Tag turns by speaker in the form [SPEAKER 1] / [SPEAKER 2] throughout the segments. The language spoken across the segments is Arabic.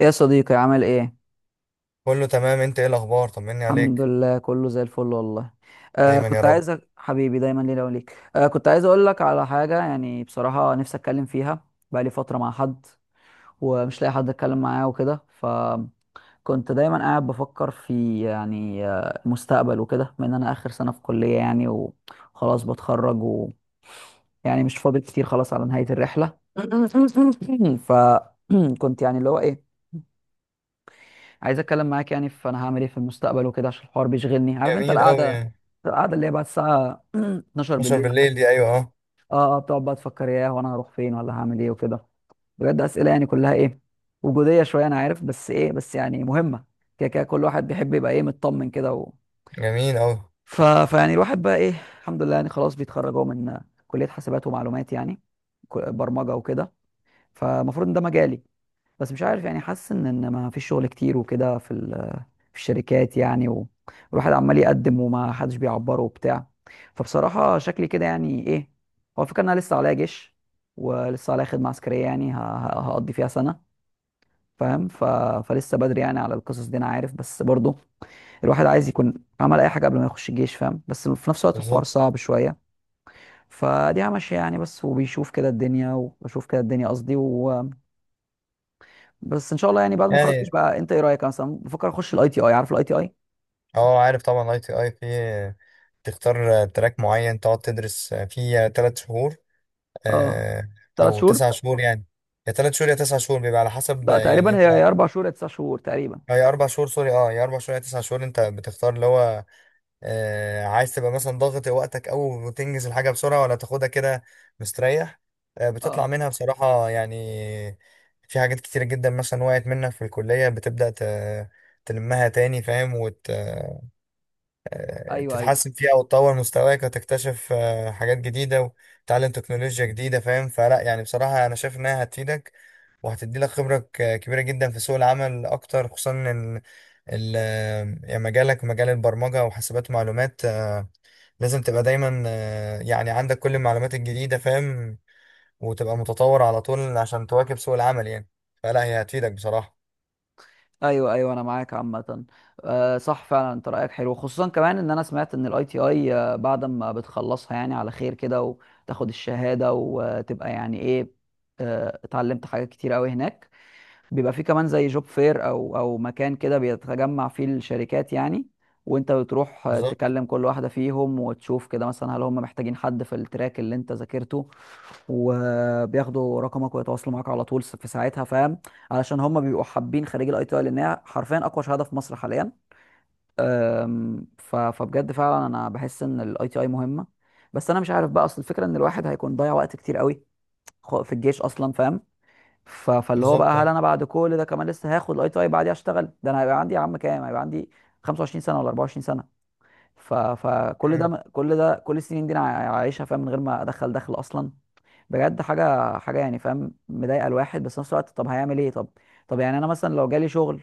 [SPEAKER 1] ايه يا صديقي عامل ايه؟
[SPEAKER 2] كله تمام. انت ايه الاخبار؟ طمني
[SPEAKER 1] الحمد
[SPEAKER 2] عليك.
[SPEAKER 1] لله، كله زي الفل والله. آه،
[SPEAKER 2] دايما يا
[SPEAKER 1] كنت
[SPEAKER 2] رب.
[SPEAKER 1] عايزك حبيبي، دايما لينا وليك. آه، كنت عايز اقول لك على حاجه يعني، بصراحه نفسي اتكلم فيها. بقالي فتره مع حد ومش لاقي حد اتكلم معاه وكده. فكنت دايما قاعد بفكر في يعني المستقبل وكده، بما ان انا اخر سنه في كليه يعني وخلاص بتخرج و... يعني مش فاضل كتير، خلاص على نهايه الرحله. فكنت يعني اللي هو ايه، عايز اتكلم معاك يعني في انا هعمل ايه في المستقبل وكده، عشان الحوار بيشغلني. عارف انت
[SPEAKER 2] جميل قوي
[SPEAKER 1] القعده
[SPEAKER 2] يعني.
[SPEAKER 1] القعده اللي هي بعد الساعه 12
[SPEAKER 2] 12
[SPEAKER 1] بالليل دي،
[SPEAKER 2] بالليل دي، ايوه اه.
[SPEAKER 1] اه اه، بتقعد بقى تفكر، ياه وانا هروح فين ولا هعمل ايه وكده. بجد اسئله يعني كلها ايه، وجوديه شويه، انا عارف، بس ايه بس يعني مهمه. كده كده كل واحد بيحب يبقى ايه، مطمن كده و...
[SPEAKER 2] جميل قوي.
[SPEAKER 1] فيعني الواحد بقى ايه، الحمد لله يعني، خلاص بيتخرج اهو من كليه حاسبات ومعلومات يعني، برمجه وكده. فالمفروض ان ده مجالي، بس مش عارف يعني، حاسس ان ما فيش شغل كتير وكده، في الشركات يعني والواحد عمال يقدم وما حدش بيعبره وبتاع. فبصراحة شكلي كده يعني ايه، هو الفكرة ان انا لسه عليا جيش، ولسه عليا خدمة عسكرية يعني هقضي فيها سنة، فاهم. فلسه بدري يعني على القصص دي انا عارف، بس برضو الواحد عايز يكون عمل اي حاجة قبل ما يخش الجيش، فاهم، بس في نفس الوقت الحوار
[SPEAKER 2] بالظبط
[SPEAKER 1] صعب شوية. فدي ماشية يعني بس، وبيشوف كده الدنيا وبشوف كده الدنيا قصدي و... بس ان شاء الله يعني بعد ما اخلص الجيش
[SPEAKER 2] يعني.
[SPEAKER 1] بقى، انت ايه رأيك؟ أنا مثلا بفكر اخش الاي تي اي، عارف الاي تي اي.
[SPEAKER 2] اه، عارف طبعا اي تي اي، في تختار تراك معين تقعد تدرس فيه 3 شهور،
[SPEAKER 1] اه،
[SPEAKER 2] آه،
[SPEAKER 1] ثلاث
[SPEAKER 2] او
[SPEAKER 1] شهور.
[SPEAKER 2] 9 شهور يعني. يا 3 شهور يا 9 شهور، بيبقى على حسب
[SPEAKER 1] لا،
[SPEAKER 2] يعني
[SPEAKER 1] تقريبا
[SPEAKER 2] انت.
[SPEAKER 1] هي اربع شهور يا تسع شهور تقريبا.
[SPEAKER 2] اه، يا 4 شهور، سوري يا 4 شهور يا 9 شهور. انت بتختار اللي هو عايز تبقى مثلا ضاغط وقتك أوي وتنجز الحاجة بسرعة، ولا تاخدها كده مستريح. بتطلع
[SPEAKER 1] اه،
[SPEAKER 2] منها بصراحة يعني في حاجات كتيرة جدا، مثلا وقعت منك في الكلية، بتبدأ تلمها تاني فاهم،
[SPEAKER 1] ايوه ايوه
[SPEAKER 2] وتتحسن فيها وتطور مستواك وتكتشف حاجات جديدة، وتتعلم تكنولوجيا جديدة فاهم. فلا يعني بصراحة أنا شايف إنها هتفيدك، وهتدي لك خبرة كبيرة جدا في سوق العمل أكتر، خصوصا إن ال- يعني مجالك مجال البرمجة وحاسبات معلومات، لازم تبقى دايما يعني عندك كل المعلومات الجديدة فاهم، وتبقى متطور على طول عشان تواكب سوق العمل يعني. فلا هي هتفيدك بصراحة.
[SPEAKER 1] ايوه ايوه، انا معاك عامه. آه صح فعلا، انت رايك حلو، خصوصا كمان ان انا سمعت ان الاي تي اي بعد ما بتخلصها يعني على خير كده، وتاخد الشهاده، وتبقى يعني ايه، اتعلمت حاجات كتير قوي هناك. بيبقى فيه كمان زي جوب فير او مكان كده بيتجمع فيه الشركات يعني، وانت بتروح
[SPEAKER 2] بالظبط
[SPEAKER 1] تكلم كل واحده فيهم، وتشوف كده مثلا هل هم محتاجين حد في التراك اللي انت ذاكرته، وبياخدوا رقمك ويتواصلوا معاك على طول في ساعتها، فاهم، علشان هم بيبقوا حابين خريج الاي تي اي، لانها حرفيا اقوى شهاده في مصر حاليا. فبجد فعلا انا بحس ان الاي تي اي مهمه. بس انا مش عارف بقى، اصل الفكره ان الواحد هيكون ضيع وقت كتير قوي في الجيش اصلا، فاهم. فاللي هو بقى،
[SPEAKER 2] بالظبط.
[SPEAKER 1] هل
[SPEAKER 2] آه.
[SPEAKER 1] انا بعد كل ده كمان لسه هاخد الاي تي اي بعديها اشتغل؟ ده انا هيبقى عندي يا عم كام، هيبقى عندي 25 سنه ولا 24 سنه. فكل
[SPEAKER 2] مم.
[SPEAKER 1] ده، كل السنين دي انا عايشها، فاهم، من غير ما دخل اصلا بجد حاجه حاجه يعني، فاهم، مضايقه الواحد، بس في نفس الوقت طب هيعمل ايه؟ طب يعني انا مثلا لو جالي شغل،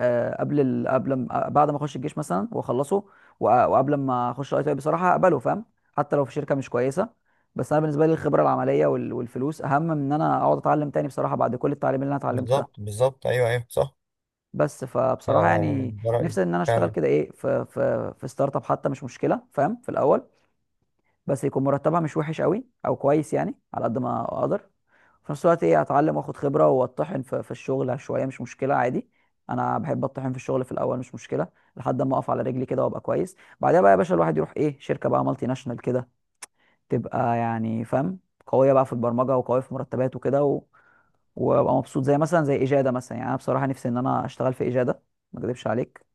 [SPEAKER 1] آه، قبل ال... قبل ما... آه، بعد ما اخش الجيش مثلا واخلصه، وقبل ما اخش اي تي اي، بصراحه اقبله، فاهم، حتى لو في شركه مش كويسه. بس انا بالنسبه لي الخبره العمليه والفلوس اهم من ان انا اقعد اتعلم تاني بصراحه، بعد كل التعليم اللي انا اتعلمته ده.
[SPEAKER 2] بالظبط بالظبط أيوه أيوه صح.
[SPEAKER 1] بس فبصراحه يعني،
[SPEAKER 2] ده رأيي
[SPEAKER 1] نفسي ان انا اشتغل
[SPEAKER 2] فعلا.
[SPEAKER 1] كده ايه، في في ستارت اب حتى مش مشكله، فاهم، في الاول. بس يكون مرتبها مش وحش قوي او كويس يعني، على قد ما اقدر، في نفس الوقت ايه، اتعلم واخد خبره واتطحن في، في الشغل شويه، مش مشكله عادي. انا بحب اتطحن في الشغل في الاول، مش مشكله، لحد ما اقف على رجلي كده وابقى كويس. بعدها بقى يا باشا الواحد يروح ايه، شركه بقى مالتي ناشونال كده، تبقى يعني فاهم، قويه بقى في البرمجه وقويه في مرتبات وكده و... وابقى مبسوط، زي مثلا زي اجاده مثلا، يعني انا بصراحه نفسي ان انا اشتغل في اجاده، ما اكذبش عليك.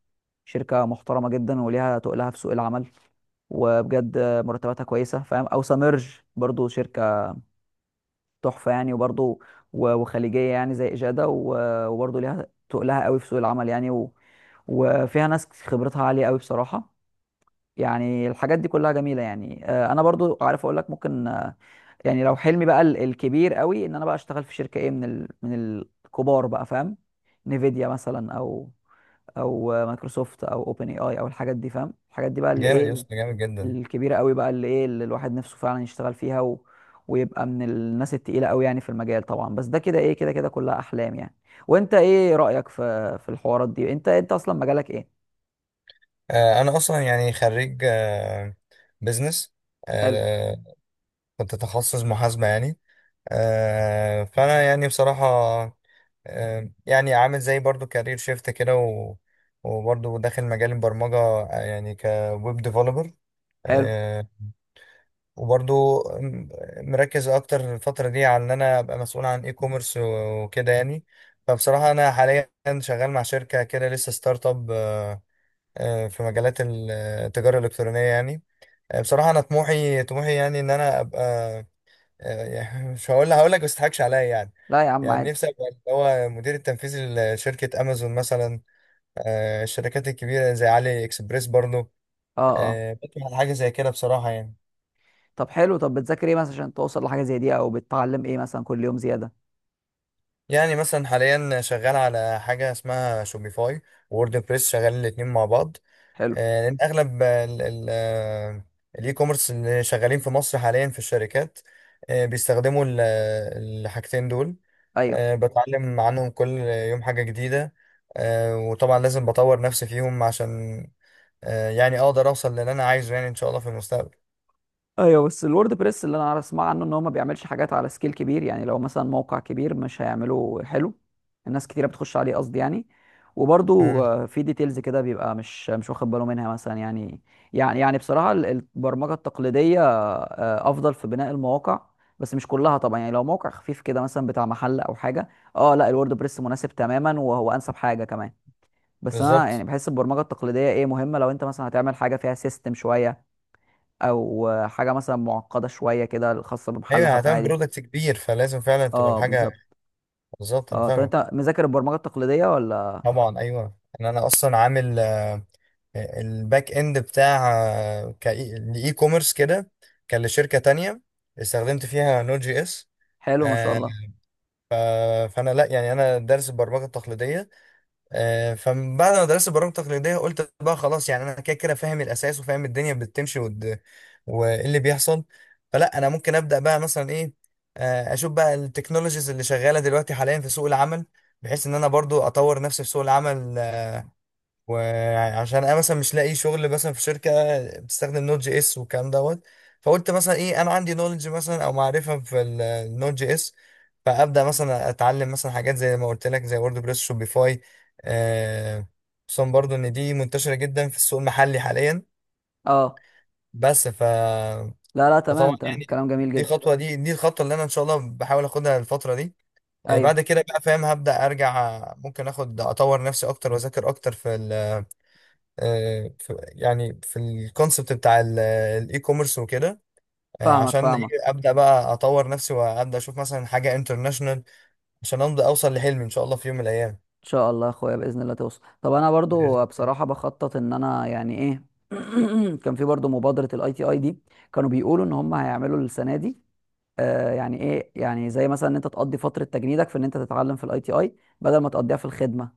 [SPEAKER 1] شركه محترمه جدا وليها تقلها في سوق العمل، وبجد مرتباتها كويسه، فاهم. او سامرج، برضو شركه تحفه يعني، وبرضو وخليجيه يعني زي اجاده، وبرضو ليها تقلها قوي في سوق العمل يعني و... وفيها ناس خبرتها عاليه قوي بصراحه. يعني الحاجات دي كلها جميله يعني. انا برضو عارف اقول لك، ممكن يعني لو حلمي بقى الكبير قوي، ان انا بقى اشتغل في شركه ايه، من من الكبار بقى، فاهم، نيفيديا مثلا، او مايكروسوفت، او اوبن اي اي، او الحاجات دي، فاهم، الحاجات دي بقى اللي
[SPEAKER 2] جامد يا
[SPEAKER 1] ايه،
[SPEAKER 2] اسطى، جامد جدا.
[SPEAKER 1] الكبيره قوي، بقى اللي ايه، اللي الواحد نفسه فعلا يشتغل فيها و... ويبقى من الناس التقيله قوي يعني في المجال طبعا. بس ده كده ايه، كده كده كلها احلام يعني. وانت ايه رايك في الحوارات دي؟ انت اصلا مجالك ايه؟
[SPEAKER 2] أنا أصلا يعني خريج بزنس،
[SPEAKER 1] حلو.
[SPEAKER 2] كنت تخصص محاسبة يعني. فانا يعني بصراحه يعني عامل زي برضو كارير شيفت كده، و... وبرضو داخل مجال البرمجه يعني كويب ديفلوبر،
[SPEAKER 1] حلو.
[SPEAKER 2] وبرضو مركز اكتر الفتره دي على ان انا ابقى مسؤول عن اي كوميرس وكده يعني. فبصراحه انا حاليا شغال مع شركه كده لسه ستارت اب، في مجالات التجاره الالكترونيه يعني. بصراحه انا طموحي طموحي يعني ان انا ابقى، يعني مش هقول، هقول لك بس تضحكش عليا يعني.
[SPEAKER 1] لا يا عم
[SPEAKER 2] يعني
[SPEAKER 1] عادي.
[SPEAKER 2] نفسي ابقى اللي هو مدير التنفيذي لشركة امازون مثلا، الشركات الكبيرة زي علي اكسبريس برضو.
[SPEAKER 1] اه اه.
[SPEAKER 2] بطمح على حاجة زي كده بصراحة يعني.
[SPEAKER 1] طب حلو، طب بتذاكر ايه مثلا عشان توصل لحاجه زي دي؟ او بتتعلم ايه مثلا كل يوم زياده؟
[SPEAKER 2] يعني مثلا حاليا شغال على حاجة اسمها شوبيفاي، وورد بريس، شغالين الاتنين مع بعض.
[SPEAKER 1] حلو.
[SPEAKER 2] لأن أغلب الإي كوميرس اللي شغالين في مصر حاليا في الشركات، بيستخدموا الحاجتين دول.
[SPEAKER 1] ايوه
[SPEAKER 2] بتعلم عنهم كل يوم حاجة جديدة، وطبعا لازم بطور نفسي فيهم عشان يعني اقدر اوصل للي انا عايزه، يعني ان شاء الله في المستقبل.
[SPEAKER 1] ايوه، بس الورد بريس اللي انا عارف اسمع عنه ان هو ما بيعملش حاجات على سكيل كبير يعني، لو مثلا موقع كبير مش هيعمله حلو، الناس كتيره بتخش عليه قصدي يعني. وبرضو
[SPEAKER 2] امم.
[SPEAKER 1] في ديتيلز كده بيبقى مش واخد باله منها مثلا يعني. يعني بصراحه البرمجه التقليديه افضل في بناء المواقع، بس مش كلها طبعا يعني. لو موقع خفيف كده مثلا بتاع محل او حاجه، اه لا، الورد بريس مناسب تماما، وهو انسب حاجه كمان. بس انا يعني
[SPEAKER 2] بالظبط.
[SPEAKER 1] بحس البرمجه التقليديه ايه، مهمه لو انت مثلا هتعمل حاجه فيها سيستم شويه، او حاجه مثلا معقده شويه كده، خاصه
[SPEAKER 2] ايوه
[SPEAKER 1] بمحل
[SPEAKER 2] يعني
[SPEAKER 1] حتى،
[SPEAKER 2] هتعمل
[SPEAKER 1] عادي.
[SPEAKER 2] برودكت كبير، فلازم فعلا تبقى
[SPEAKER 1] اه
[SPEAKER 2] الحاجة.
[SPEAKER 1] بالظبط.
[SPEAKER 2] بالظبط، انا
[SPEAKER 1] اه، طب
[SPEAKER 2] فاهمك.
[SPEAKER 1] انت مذاكر البرمجه التقليديه ولا؟
[SPEAKER 2] طبعا ايوه، ان انا اصلا عامل الباك اند بتاع لاي كوميرس كده، كان لشركة تانية استخدمت فيها نود جي اس.
[SPEAKER 1] حلو، ما شاء
[SPEAKER 2] آه،
[SPEAKER 1] الله.
[SPEAKER 2] فانا لا يعني انا دارس البرمجة التقليدية. فبعد ما درست برامج تقليدية، قلت بقى خلاص، يعني أنا كده كده فاهم الأساس وفاهم الدنيا بتمشي، وإيه اللي بيحصل. فلا أنا ممكن أبدأ بقى مثلا إيه، أشوف بقى التكنولوجيز اللي شغالة دلوقتي حاليا في سوق العمل، بحيث إن أنا برضو أطور نفسي في سوق العمل. وعشان انا مثلا مش لاقي شغل مثلا في شركه بتستخدم نوت جي اس والكلام دوت، فقلت مثلا ايه، انا عندي نولج مثلا او معرفه في النوت جي اس، فابدا مثلا اتعلم مثلا حاجات زي ما قلت لك زي وورد بريس شوبيفاي، آه، خصوصا برضو ان دي منتشره جدا في السوق المحلي حاليا.
[SPEAKER 1] اه،
[SPEAKER 2] بس ف
[SPEAKER 1] لا لا،
[SPEAKER 2] فطبعا
[SPEAKER 1] تمام تمام،
[SPEAKER 2] يعني
[SPEAKER 1] كلام جميل
[SPEAKER 2] دي
[SPEAKER 1] جدا.
[SPEAKER 2] خطوه دي دي الخطوه اللي انا ان شاء الله بحاول اخدها الفتره دي.
[SPEAKER 1] ايوه،
[SPEAKER 2] بعد كده بقى فاهم هبدا ارجع، ممكن اخد اطور نفسي اكتر واذاكر اكتر يعني في الكونسبت بتاع الاي كوميرس وكده.
[SPEAKER 1] فاهمك
[SPEAKER 2] عشان ايه
[SPEAKER 1] فاهمك.
[SPEAKER 2] ابدا بقى اطور نفسي، وابدا اشوف مثلا حاجه انترناشونال عشان امضي اوصل لحلمي ان شاء الله في يوم من الايام
[SPEAKER 1] ان شاء الله يا اخويا، باذن الله توصل. طب انا برضو
[SPEAKER 2] بإذن الله.
[SPEAKER 1] بصراحه بخطط ان انا يعني ايه، كان في برضو مبادره الاي تي اي دي، كانوا بيقولوا ان هم هيعملوا السنه دي يعني ايه، يعني زي مثلا ان انت تقضي فتره تجنيدك في ان انت تتعلم في الاي تي اي، بدل ما تقضيها في الخدمه،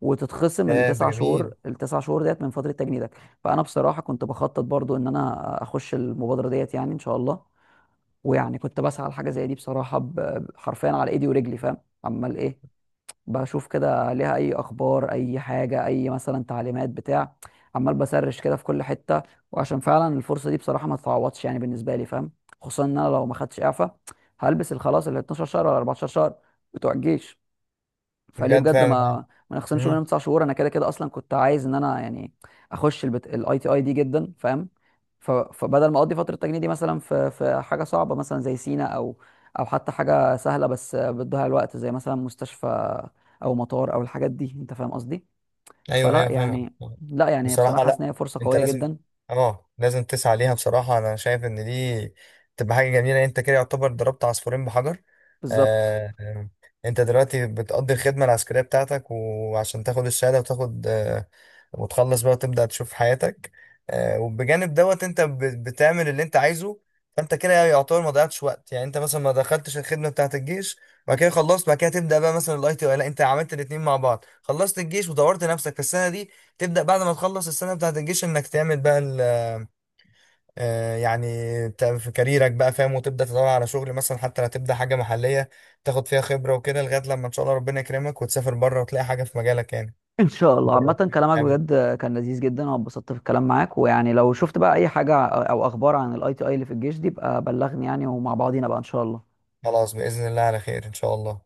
[SPEAKER 1] وتتخصم
[SPEAKER 2] ده
[SPEAKER 1] التسع
[SPEAKER 2] جميل.
[SPEAKER 1] شهور، ديت من فتره تجنيدك. فانا بصراحه كنت بخطط برضو ان انا اخش المبادره ديت يعني ان شاء الله، ويعني كنت بسعى لحاجه زي دي بصراحه، حرفيا على ايدي ورجلي، فاهم، عمال ايه، بشوف كده عليها اي اخبار، اي حاجه، اي مثلا تعليمات بتاع، عمال بسرش كده في كل حته. وعشان فعلا الفرصه دي بصراحه ما تتعوضش يعني بالنسبه لي، فاهم، خصوصا ان انا لو ما خدتش اعفاء هلبس الخلاص ال 12 شهر ولا 14 شهر بتوع الجيش، فليه
[SPEAKER 2] بجد
[SPEAKER 1] بجد
[SPEAKER 2] فعلا.
[SPEAKER 1] ما نخصمش منهم تسع شهور؟ انا كده كده اصلا كنت عايز ان انا يعني اخش الاي تي اي دي جدا، فاهم. فبدل ما اقضي فتره التجنيد دي مثلا في حاجه صعبه مثلا زي سينا، او او حتى حاجه سهله بس بتضيع الوقت زي مثلا مستشفى او مطار او الحاجات دي، انت فاهم قصدي.
[SPEAKER 2] ايوه ايوه
[SPEAKER 1] فلا
[SPEAKER 2] فاهمك.
[SPEAKER 1] يعني، لا يعني هي بصراحه
[SPEAKER 2] بصراحه
[SPEAKER 1] حاسس
[SPEAKER 2] لا،
[SPEAKER 1] ان هي فرصه
[SPEAKER 2] انت
[SPEAKER 1] قويه
[SPEAKER 2] لازم،
[SPEAKER 1] جدا.
[SPEAKER 2] اه لازم تسعى ليها. بصراحه انا شايف ان دي تبقى حاجه جميله، انت كده يعتبر ضربت عصفورين بحجر.
[SPEAKER 1] بالظبط.
[SPEAKER 2] آه آه، انت دلوقتي بتقضي الخدمه العسكريه بتاعتك، وعشان تاخد الشهاده وتاخد وتخلص بقى وتبدا تشوف حياتك، وبجانب دوت انت بتعمل اللي انت عايزه. فانت كده يعتبر ما ضيعتش وقت، يعني انت مثلا ما دخلتش الخدمه بتاعت الجيش بعد كده خلصت، بعد كده تبدا بقى مثلا الاي تي، لا انت عملت الاثنين مع بعض، خلصت الجيش وطورت نفسك في السنه دي. تبدا بعد ما تخلص السنه بتاعت الجيش انك تعمل بقى يعني في كاريرك بقى فاهم، وتبدا تدور على شغل مثلا حتى لو تبدا حاجه محليه تاخد فيها خبره وكده، لغايه لما ان شاء الله ربنا يكرمك وتسافر بره وتلاقي حاجه في مجالك يعني.
[SPEAKER 1] ان شاء الله،
[SPEAKER 2] بره.
[SPEAKER 1] عامه كلامك
[SPEAKER 2] حابب.
[SPEAKER 1] بجد كان لذيذ جدا، انا اتبسطت في الكلام معاك، ويعني لو شفت بقى اي حاجه او اخبار عن الاي تي اي اللي في الجيش دي بقى بلغني يعني، ومع بعضينا بقى ان شاء الله.
[SPEAKER 2] خلاص باذن الله على خير، ان شاء الله.